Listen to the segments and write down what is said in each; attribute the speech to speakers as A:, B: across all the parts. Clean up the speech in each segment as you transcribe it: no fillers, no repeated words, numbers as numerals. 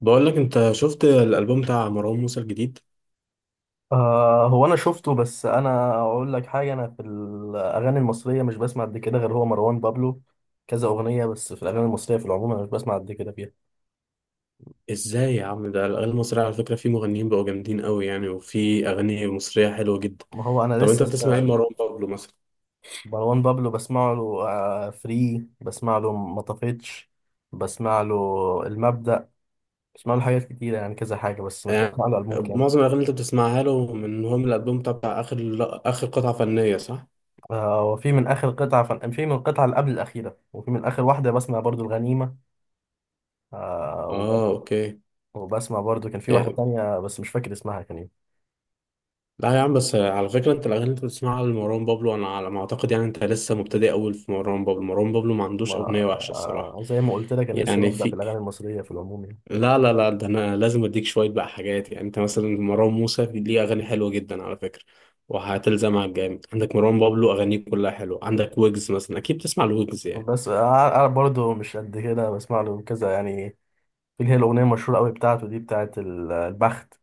A: بقول لك، انت شفت الالبوم بتاع مروان موسى الجديد؟
B: هو انا شفته، بس انا اقول لك حاجه، انا في الاغاني المصريه مش بسمع قد كده غير هو مروان بابلو كذا اغنيه، بس في الاغاني المصريه في العموم انا مش بسمع قد كده فيها.
A: ازاي يا عم، ده الاغاني المصريه على فكره في مغنيين بقوا جامدين قوي يعني، وفي اغاني مصريه حلوه جدا.
B: ما هو انا
A: طب انت
B: لسه
A: بتسمع ايه مروان بابلو مثلا؟
B: مروان بابلو بسمع له. فري بسمع له مطفيتش. بسمع له المبدأ. بسمع له حاجات كتيره يعني كذا حاجه، بس مش
A: يعني
B: بسمع له البوم كامل.
A: معظم الاغاني اللي انت بتسمعها له من من الالبوم بتاع اخر اخر قطعه فنيه، صح؟
B: آه، وفي من اخر في من القطعه اللي قبل الاخيره، وفي من اخر واحده بسمع برضو الغنيمه. آه وبس...
A: اه اوكي.
B: وبسمع برضو كان في واحده
A: يعني
B: تانية، بس مش فاكر اسمها كان إيه.
A: لا يا عم، بس على فكره انت الاغاني اللي انت بتسمعها لمروان بابلو انا على ما اعتقد يعني انت لسه مبتدئ اول في مروان بابلو. مروان بابلو ما عندوش اغنيه وحشه
B: ما
A: الصراحه.
B: زي ما قلت لك، انا لسه
A: يعني
B: ببدأ في
A: في
B: الاغاني المصريه في العموم يعني.
A: لا، ده انا لازم اديك شويه بقى حاجات. يعني انت مثلا مروان موسى ليه اغاني حلوه جدا على فكره، وهتلزمها جامد. عندك مروان بابلو اغانيه كلها حلوه، عندك ويجز مثلا اكيد بتسمع الويجز يعني.
B: بس انا برضو مش قد كده بسمع له كذا يعني. في اللي هي الاغنيه المشهوره قوي بتاعته دي، بتاعت البخت،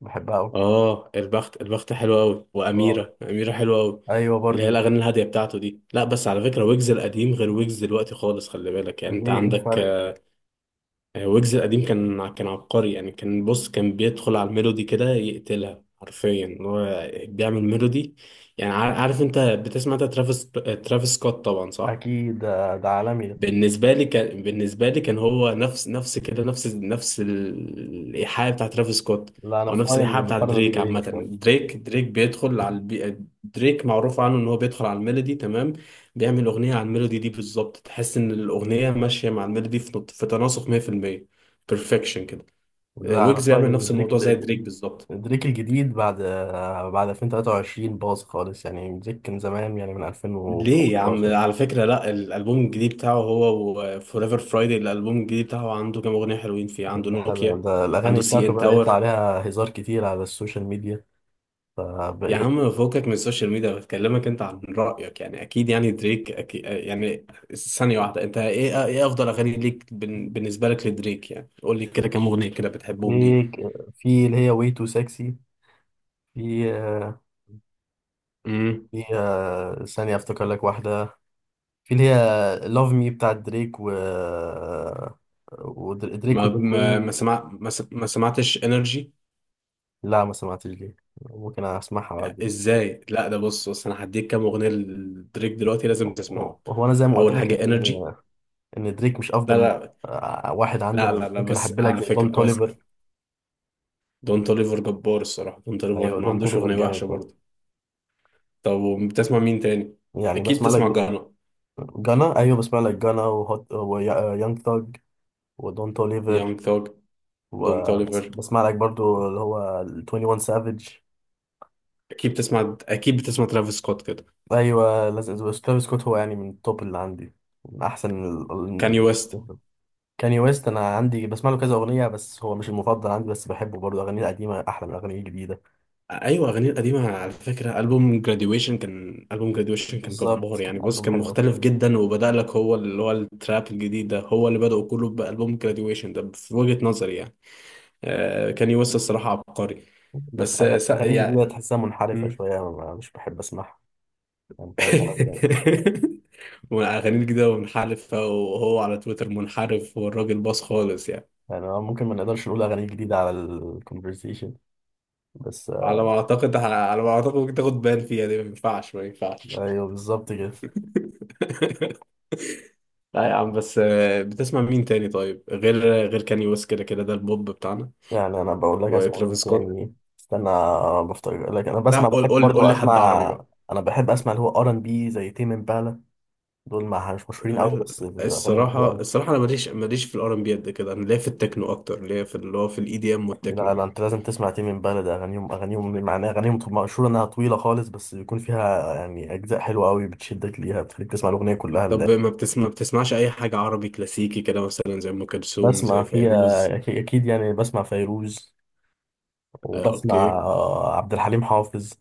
B: بحبها قوي.
A: اه البخت، البخت حلوه قوي،
B: اه،
A: واميره اميره حلوه قوي.
B: ايوه
A: اللي
B: برضو
A: هي
B: دي.
A: الاغاني الهاديه بتاعته دي. لا بس على فكره ويجز القديم غير ويجز دلوقتي خالص، خلي بالك يعني انت
B: ليه إيه
A: عندك.
B: الفرق؟
A: ويجز القديم كان عبقري يعني، كان بص كان بيدخل على الميلودي كده يقتلها حرفيا، هو بيعمل ميلودي يعني. عارف انت بتسمع انت ترافيس سكوت طبعا صح؟
B: اكيد ده، ده عالمي ده.
A: بالنسبة لي كان، بالنسبة لي كان هو نفس كده، نفس الإيحاء بتاع ترافيس سكوت،
B: لا، انا
A: أو
B: في
A: نفس
B: رايي ان
A: الإيحاء بتاع
B: المقارنه دي
A: دريك
B: بعيده
A: عامة.
B: شويه.
A: دريك بيدخل على دريك معروف عنه إن هو بيدخل على الميلودي تمام، بيعمل أغنية على الميلودي دي بالظبط، تحس إن الأغنية ماشية مع الميلودي في تناسق 100%، بيرفكشن كده.
B: لا، انا في
A: ويجز
B: رايي
A: يعمل
B: ان
A: نفس الموضوع زي دريك بالظبط.
B: دريك الجديد، بعد 2023 باظ خالص يعني. دريك كان زمان يعني من
A: ليه يا عم،
B: 2015.
A: على فكرة لا الألبوم الجديد بتاعه هو وفوريفر فرايدي الألبوم الجديد بتاعه عنده كام أغنية حلوين فيه. عنده
B: الحلقة
A: نوكيا،
B: ده
A: عنده
B: الأغاني
A: سي
B: بتاعته
A: إن
B: بدأ يطلع
A: تاور.
B: عليها هزار كتير على السوشيال ميديا،
A: يا
B: فبقى.
A: عم، فوقك من السوشيال ميديا، بكلمك أنت عن رأيك يعني. أكيد يعني دريك أكيد يعني. ثانية واحدة، أنت إيه، إيه أفضل أغاني ليك بالنسبة لك لدريك؟ يعني قول لي كده كام أغنية كده بتحبهم ليه.
B: في في اللي هي واي تو سكسي. في
A: امم.
B: في ثانية أفتكر لك واحدة. في اللي هي لاف مي بتاعت دريك، و ودريك وليل وين.
A: ما سمعتش إنرجي؟
B: لا، ما سمعتش دي، ممكن أسمعها بعد.
A: إزاي؟ لا ده بص بص، أنا هديك كام أغنية لدريك دلوقتي لازم تسمعهم.
B: هو أنا زي ما قلت
A: أول
B: لك إن
A: حاجة إنرجي.
B: إن إن دريك مش
A: لا لا
B: واحد عندي
A: لا
B: أنا،
A: لا لا
B: ممكن
A: بس
B: أحب لك
A: على
B: زي دون
A: فكرة بس
B: توليفر.
A: دون توليفر جبار الصراحة، دون توليفر
B: أيوه
A: ما
B: دون
A: عندوش
B: توليفر
A: أغنية وحشة
B: جامد برضه.
A: برضه. طب بتسمع مين تاني؟
B: يعني
A: أكيد
B: بسمع
A: بتسمع
B: لك
A: جانا،
B: جانا. ايوه بسمع لك جانا وهوت ويانج ثاج ودون توليفر.
A: يونج ثوج، دون توليفر.
B: وبسمع لك برضو اللي هو ال 21 سافيج.
A: أكيد بتسمع، أكيد بتسمع ترافيس سكوت كده،
B: ايوه لازم ترافيس سكوت هو يعني من التوب اللي عندي، من احسن
A: كاني ويست.
B: كاني ويست. انا عندي بسمع له كذا اغنيه، بس هو مش المفضل عندي، بس بحبه برضو. اغانيه القديمه احلى من اغانيه الجديده.
A: أيوة أغانيه القديمة على فكرة ألبوم جراديويشن، كان ألبوم جراديويشن كان
B: بالظبط،
A: جبار يعني.
B: كان
A: بص
B: البوم
A: كان
B: حلو أوي.
A: مختلف جدا، وبدأ لك هو اللي هو التراب الجديد ده هو اللي بدأ كله بألبوم جراديويشن ده، في وجهة نظري يعني. آه كاني ويست الصراحة عبقري.
B: بس
A: بس
B: اغانيه الجديده
A: يعني.
B: تحسها منحرفه شويه، مش بحب اسمعها. يعني كان حلو يعني.
A: ومنعغنين كده ومنحرفة، وهو على تويتر منحرف، والراجل باص خالص يعني.
B: يعني ممكن ما نقدرش نقول اغانيه جديده على الكونفرسيشن بس.
A: على ما اعتقد، على ما اعتقد ممكن تاخد بان فيها دي. ما ينفعش، ما ينفعش.
B: ايوه بالظبط كده.
A: لا يا عم، بس بتسمع مين تاني طيب غير، غير كاني ويست كده كده ده البوب بتاعنا،
B: يعني انا بقول لك اسمع
A: وترافيس
B: مين
A: سكوت.
B: تاني، استنى بفتكر لك. انا
A: لا
B: بسمع،
A: قول،
B: بحب
A: قول
B: برضو
A: قول لي
B: اسمع،
A: حد عربي بقى.
B: انا بحب اسمع اللي هو ار ان بي زي تيم امبالا. دول ما مش مشهورين قوي بس اغانيهم حلوه
A: الصراحة
B: قوي.
A: الصراحة أنا ماليش في الآر إن بي قد كده، أنا ليا في التكنو أكتر، ليا في اللي هو في الإي دي إم
B: لا
A: والتكنو
B: لا،
A: يعني.
B: انت لازم تسمع تيم امبالا ده. اغانيهم اغانيهم معناها اغانيهم مشهوره انها طويله خالص، بس بيكون فيها يعني اجزاء حلوه قوي بتشدك ليها، بتخليك تسمع الاغنيه كلها لله.
A: طب ما بتسمع، ما بتسمعش اي حاجة عربي كلاسيكي كده مثلا زي ام كلثوم
B: بسمع
A: زي
B: فيها
A: فيروز؟
B: اكيد يعني، بسمع فيروز،
A: آه
B: وبسمع
A: اوكي.
B: عبد الحليم حافظ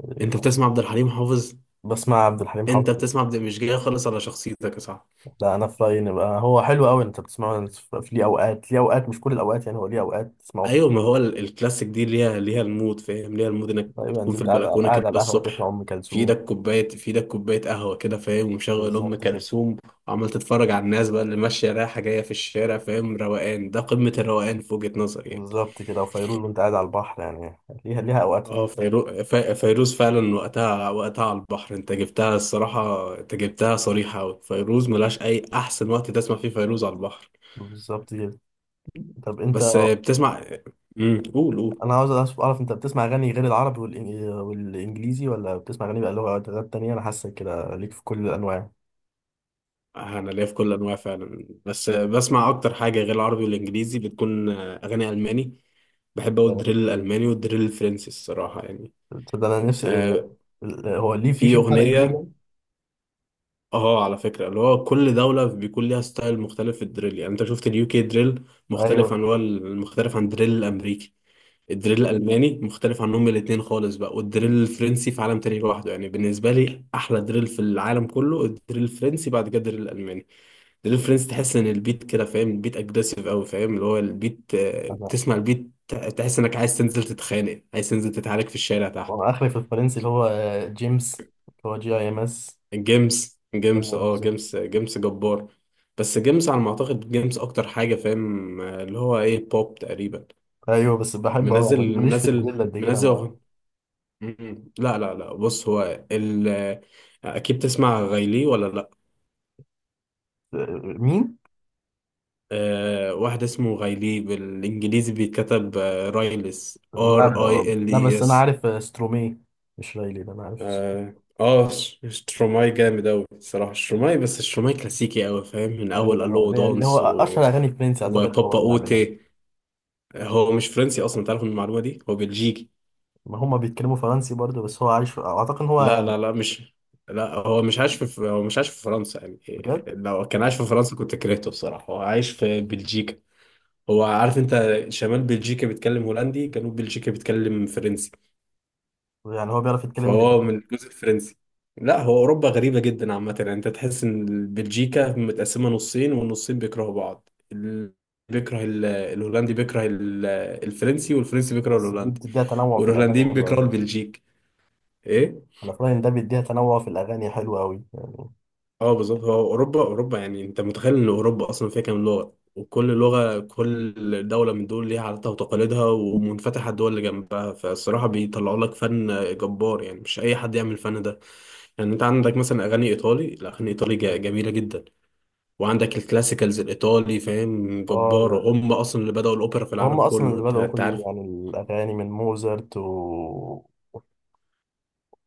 B: يعني.
A: انت بتسمع عبد الحليم حافظ؟
B: بسمع عبد الحليم حافظ.
A: انت بتسمع عبد، مش جاي خالص على شخصيتك يا صاحبي.
B: لا انا في رايي ان بقى هو حلو قوي انت بتسمعه في ليه اوقات، ليه اوقات مش كل الاوقات يعني. هو ليه اوقات تسمعه
A: ايوه
B: فيه.
A: ما هو الكلاسيك دي ليها، ليها المود، فاهم ليها المود انك
B: تقريبا
A: تكون
B: انت
A: في
B: قاعد على،
A: البلكونة كده
B: قاعد على القهوه تسمع
A: الصبح.
B: ام
A: في
B: كلثوم.
A: ايدك كوباية، في ايدك كوباية قهوة كده فاهم، ومشغل ام
B: بالظبط كده.
A: كلثوم، وعمال تتفرج على الناس بقى اللي ماشية رايحة جاية في الشارع فاهم. روقان ده قمة الروقان في وجهة نظري يعني.
B: بالظبط كده، وفيروز وانت قاعد على البحر يعني، ليها ليها اوقات.
A: اه فيروز فعلا وقتها، وقتها على البحر انت جبتها الصراحة، انت جبتها صريحة أوي. فيروز ملهاش أي أحسن وقت تسمع فيه فيروز على البحر.
B: بالظبط كده. طب انت،
A: بس بتسمع، امم، قول.
B: انا عاوز اعرف، انت بتسمع اغاني غير العربي والانجليزي، ولا بتسمع اغاني بقى لغات لغات تانية؟ انا حاسس كده ليك في كل الانواع.
A: أنا ليا في كل أنواع فعلا، بس بسمع أكتر حاجة غير العربي والإنجليزي بتكون أغاني ألماني. بحب أوي الدريل الألماني والدريل الفرنسي الصراحة يعني.
B: تصدق انا نفسي.
A: آه،
B: هو ليه في
A: في
B: في فرق كبير
A: أغنية،
B: يعني؟
A: اه على فكرة اللي هو كل دولة بيكون ليها ستايل مختلف في الدريل. يعني انت شفت اليو كي دريل مختلف
B: ايوه،
A: عن هو المختلف عن الدريل الامريكي. الدريل الالماني مختلف عنهم الاتنين خالص بقى، والدريل الفرنسي في عالم تاني لوحده يعني. بالنسبة لي احلى دريل في العالم كله الدريل الفرنسي، بعد كده الدريل الالماني. الدريل الفرنسي تحس ان البيت كده فاهم، البيت اجريسيف قوي فاهم، اللي هو البيت تسمع البيت تحس انك عايز تنزل تتخانق، عايز تنزل تتعارك في الشارع تحت.
B: وانا اخري في الفرنسي اللي هو جيمس، اللي هو جي اي ام اس.
A: جيمس، اه جيمس جبار. بس جيمس على ما اعتقد جيمس اكتر حاجه فاهم اللي هو ايه بوب تقريبا.
B: ايوه بس بحبه قوي،
A: منزل
B: ماليش في
A: منزل
B: الدريل قد كده
A: منزل
B: مع.
A: أغن- مم. لا، بص هو ال آه، اكيد تسمع غايلي ولا لا؟
B: آه، مين؟
A: أه واحد اسمه غايلي، بالانجليزي بيتكتب رايلس، ار اي ال
B: لا
A: اي
B: بس انا
A: اس.
B: عارف سترومي، مش رايلي. ده انا عارف.
A: اه. شتروماي جامد اوي الصراحه شتروماي، بس شتروماي كلاسيكي اوي فاهم، من اول
B: ايوه
A: الو
B: ده اللي هو
A: دانس و
B: اشهر اغاني فرنسي، اعتقد هو
A: وبابا
B: اللي عاملها.
A: اوتي. هو مش فرنسي اصلا تعرف، من المعلومه دي هو بلجيكي.
B: ما هم بيتكلموا فرنسي برضه، بس هو عايش في... اعتقد ان
A: لا
B: هو،
A: لا لا مش لا هو مش عايش في، هو مش عايش في فرنسا يعني إيه،
B: بجد
A: لو كان عايش في فرنسا كنت كرهته بصراحه، هو عايش في بلجيكا. هو عارف انت، شمال بلجيكا بيتكلم هولندي، جنوب بلجيكا بيتكلم فرنسي،
B: يعني، هو بيعرف يتكلم
A: فهو
B: الاتنين.
A: من الجزء الفرنسي. لا هو اوروبا غريبه جدا عامه يعني، انت تحس ان بلجيكا متقسمه نصين والنصين بيكرهوا بعض. بيكره الهولندي بيكره الفرنسي، والفرنسي بيكره
B: بس دي
A: الهولندي،
B: بتديها تنوع في الاغاني
A: والهولنديين
B: حلو
A: بيكرهوا
B: قوي.
A: البلجيك. ايه.
B: انا في رايي ان ده بيديها تنوع في الاغاني حلو قوي يعني.
A: اه بالظبط، هو اوروبا، اوروبا يعني انت متخيل ان اوروبا اصلا فيها كام لغه، وكل لغه كل دوله من دول ليها عاداتها وتقاليدها ومنفتحه الدول اللي جنبها، فالصراحه بيطلعوا لك فن جبار يعني، مش اي حد يعمل الفن ده. يعني انت عندك مثلا اغاني ايطالي، الاغاني الايطالي جميله جدا، وعندك الكلاسيكالز الايطالي فاهم
B: اه،
A: جباره. هم اصلا اللي بداوا الاوبرا في العالم
B: هم اصلا
A: كله،
B: اللي
A: انت
B: بدأوا
A: انت
B: كل
A: عارف.
B: يعني الاغاني، من موزارت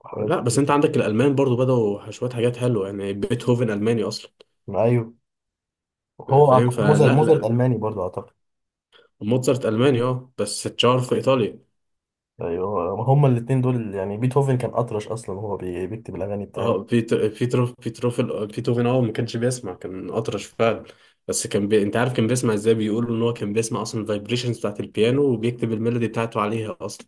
B: وحاجات
A: لا بس انت
B: كتير.
A: عندك الالمان برضو بداوا شويه حاجات حلوه يعني، بيتهوفن الماني اصلا
B: ايوه هو
A: فاهم.
B: اعتقد موزارت
A: فلا
B: موزارت
A: لا
B: الماني برضه اعتقد.
A: موتزارت ألماني اه، بس اتشهر في إيطاليا.
B: ايوه هم الاثنين دول يعني. بيتهوفن كان اطرش اصلا وهو بيكتب الاغاني بتاعه.
A: اه بيتر بيتروف بيتروف بيتهوفن اه ما كانش بيسمع كان أطرش فعلا. بس انت عارف كان بيسمع ازاي؟ بيقولوا ان هو كان بيسمع اصلا الفايبريشنز بتاعت البيانو وبيكتب الميلودي بتاعته عليها اصلا.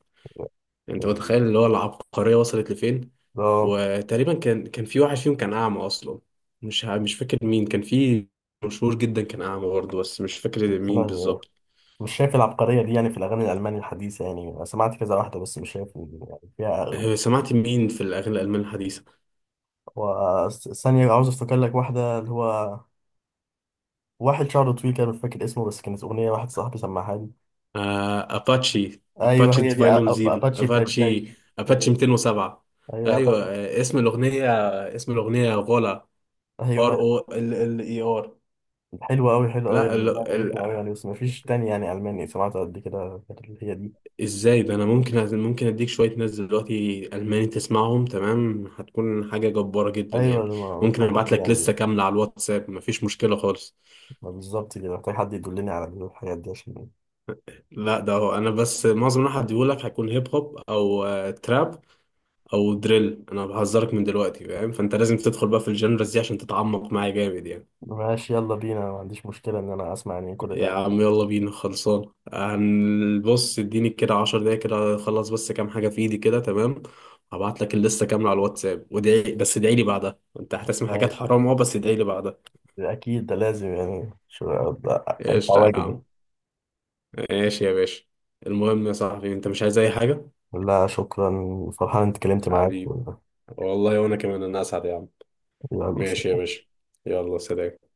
A: انت
B: كان،
A: متخيل اللي هو العبقرية وصلت لفين!
B: اه
A: وتقريبا كان في واحد فيهم كان اعمى اصلا، مش فاكر مين كان في، مشهور جدا كان اعمى برضه، بس مش فاكر
B: بس
A: مين
B: انا
A: بالظبط.
B: مش شايف العبقريه دي يعني في الاغاني الالماني الحديثه يعني. انا سمعت كذا واحده بس مش شايف إن يعني فيها.
A: سمعت مين في الأغاني الألمان الحديثة؟
B: ثانيه عاوز افتكر لك واحده، اللي هو واحد شعره طويل كده مش فاكر اسمه، بس كانت اغنيه واحد صاحبي سمعها لي.
A: آه، اباتشي
B: ايوه
A: اباتشي
B: هي دي،
A: فاينل 7،
B: اباتشي، بلاي
A: اباتشي
B: بلاي.
A: اباتشي 207.
B: ايوه
A: ايوه
B: أعتقد.
A: اسم الاغنيه، اسم الاغنيه غولا، ار
B: ايوه
A: او، ال ال اي ار.
B: حلوه قوي، حلوه قوي
A: لا
B: يعني.
A: ال
B: ده
A: ال
B: عجبتني قوي يعني، بس مفيش تاني يعني الماني سمعته قد كده غير اللي هي دي.
A: ازاي ده انا ممكن اديك شويه ناس دلوقتي الماني تسمعهم تمام، هتكون حاجه جباره جدا
B: ايوه
A: يعني.
B: أنا
A: ممكن
B: محتاج
A: ابعت
B: حد
A: لك لسه
B: يعني.
A: كامله على الواتساب مفيش مشكله خالص.
B: ما بالظبط كده، محتاج حد يدلني على الحاجات دي عشان.
A: لا ده هو انا بس معظم اللي هديهولك هيكون هيب هوب او تراب او دريل، انا بهزرك من دلوقتي فاهم، فانت لازم تدخل بقى في الجنرز دي عشان تتعمق معايا جامد يعني.
B: ماشي، يلا بينا، ما عنديش مشكله ان انا اسمع يعني كل
A: يا
B: ده.
A: عم يلا بينا خلصان، هنبص اديني كده 10 دقايق كده اخلص بس كام حاجه في ايدي كده تمام، هبعت لك اللسته كامله على الواتساب ودعي، بس ادعي لي بعدها انت هتسمع حاجات
B: ماشي.
A: حرام اه، بس ادعي لي بعدها.
B: اكيد ده لازم يعني، انت
A: ايش يا
B: واجب.
A: عم. ماشي يا باشا. المهم يا صاحبي، انت مش عايز اي حاجه؟
B: لا شكرا، فرحان انت اتكلمت معاك.
A: حبيبي، والله وانا كمان انا اسعد يا عم.
B: يلا
A: ماشي يا
B: سلام.
A: باشا، يلا سلام.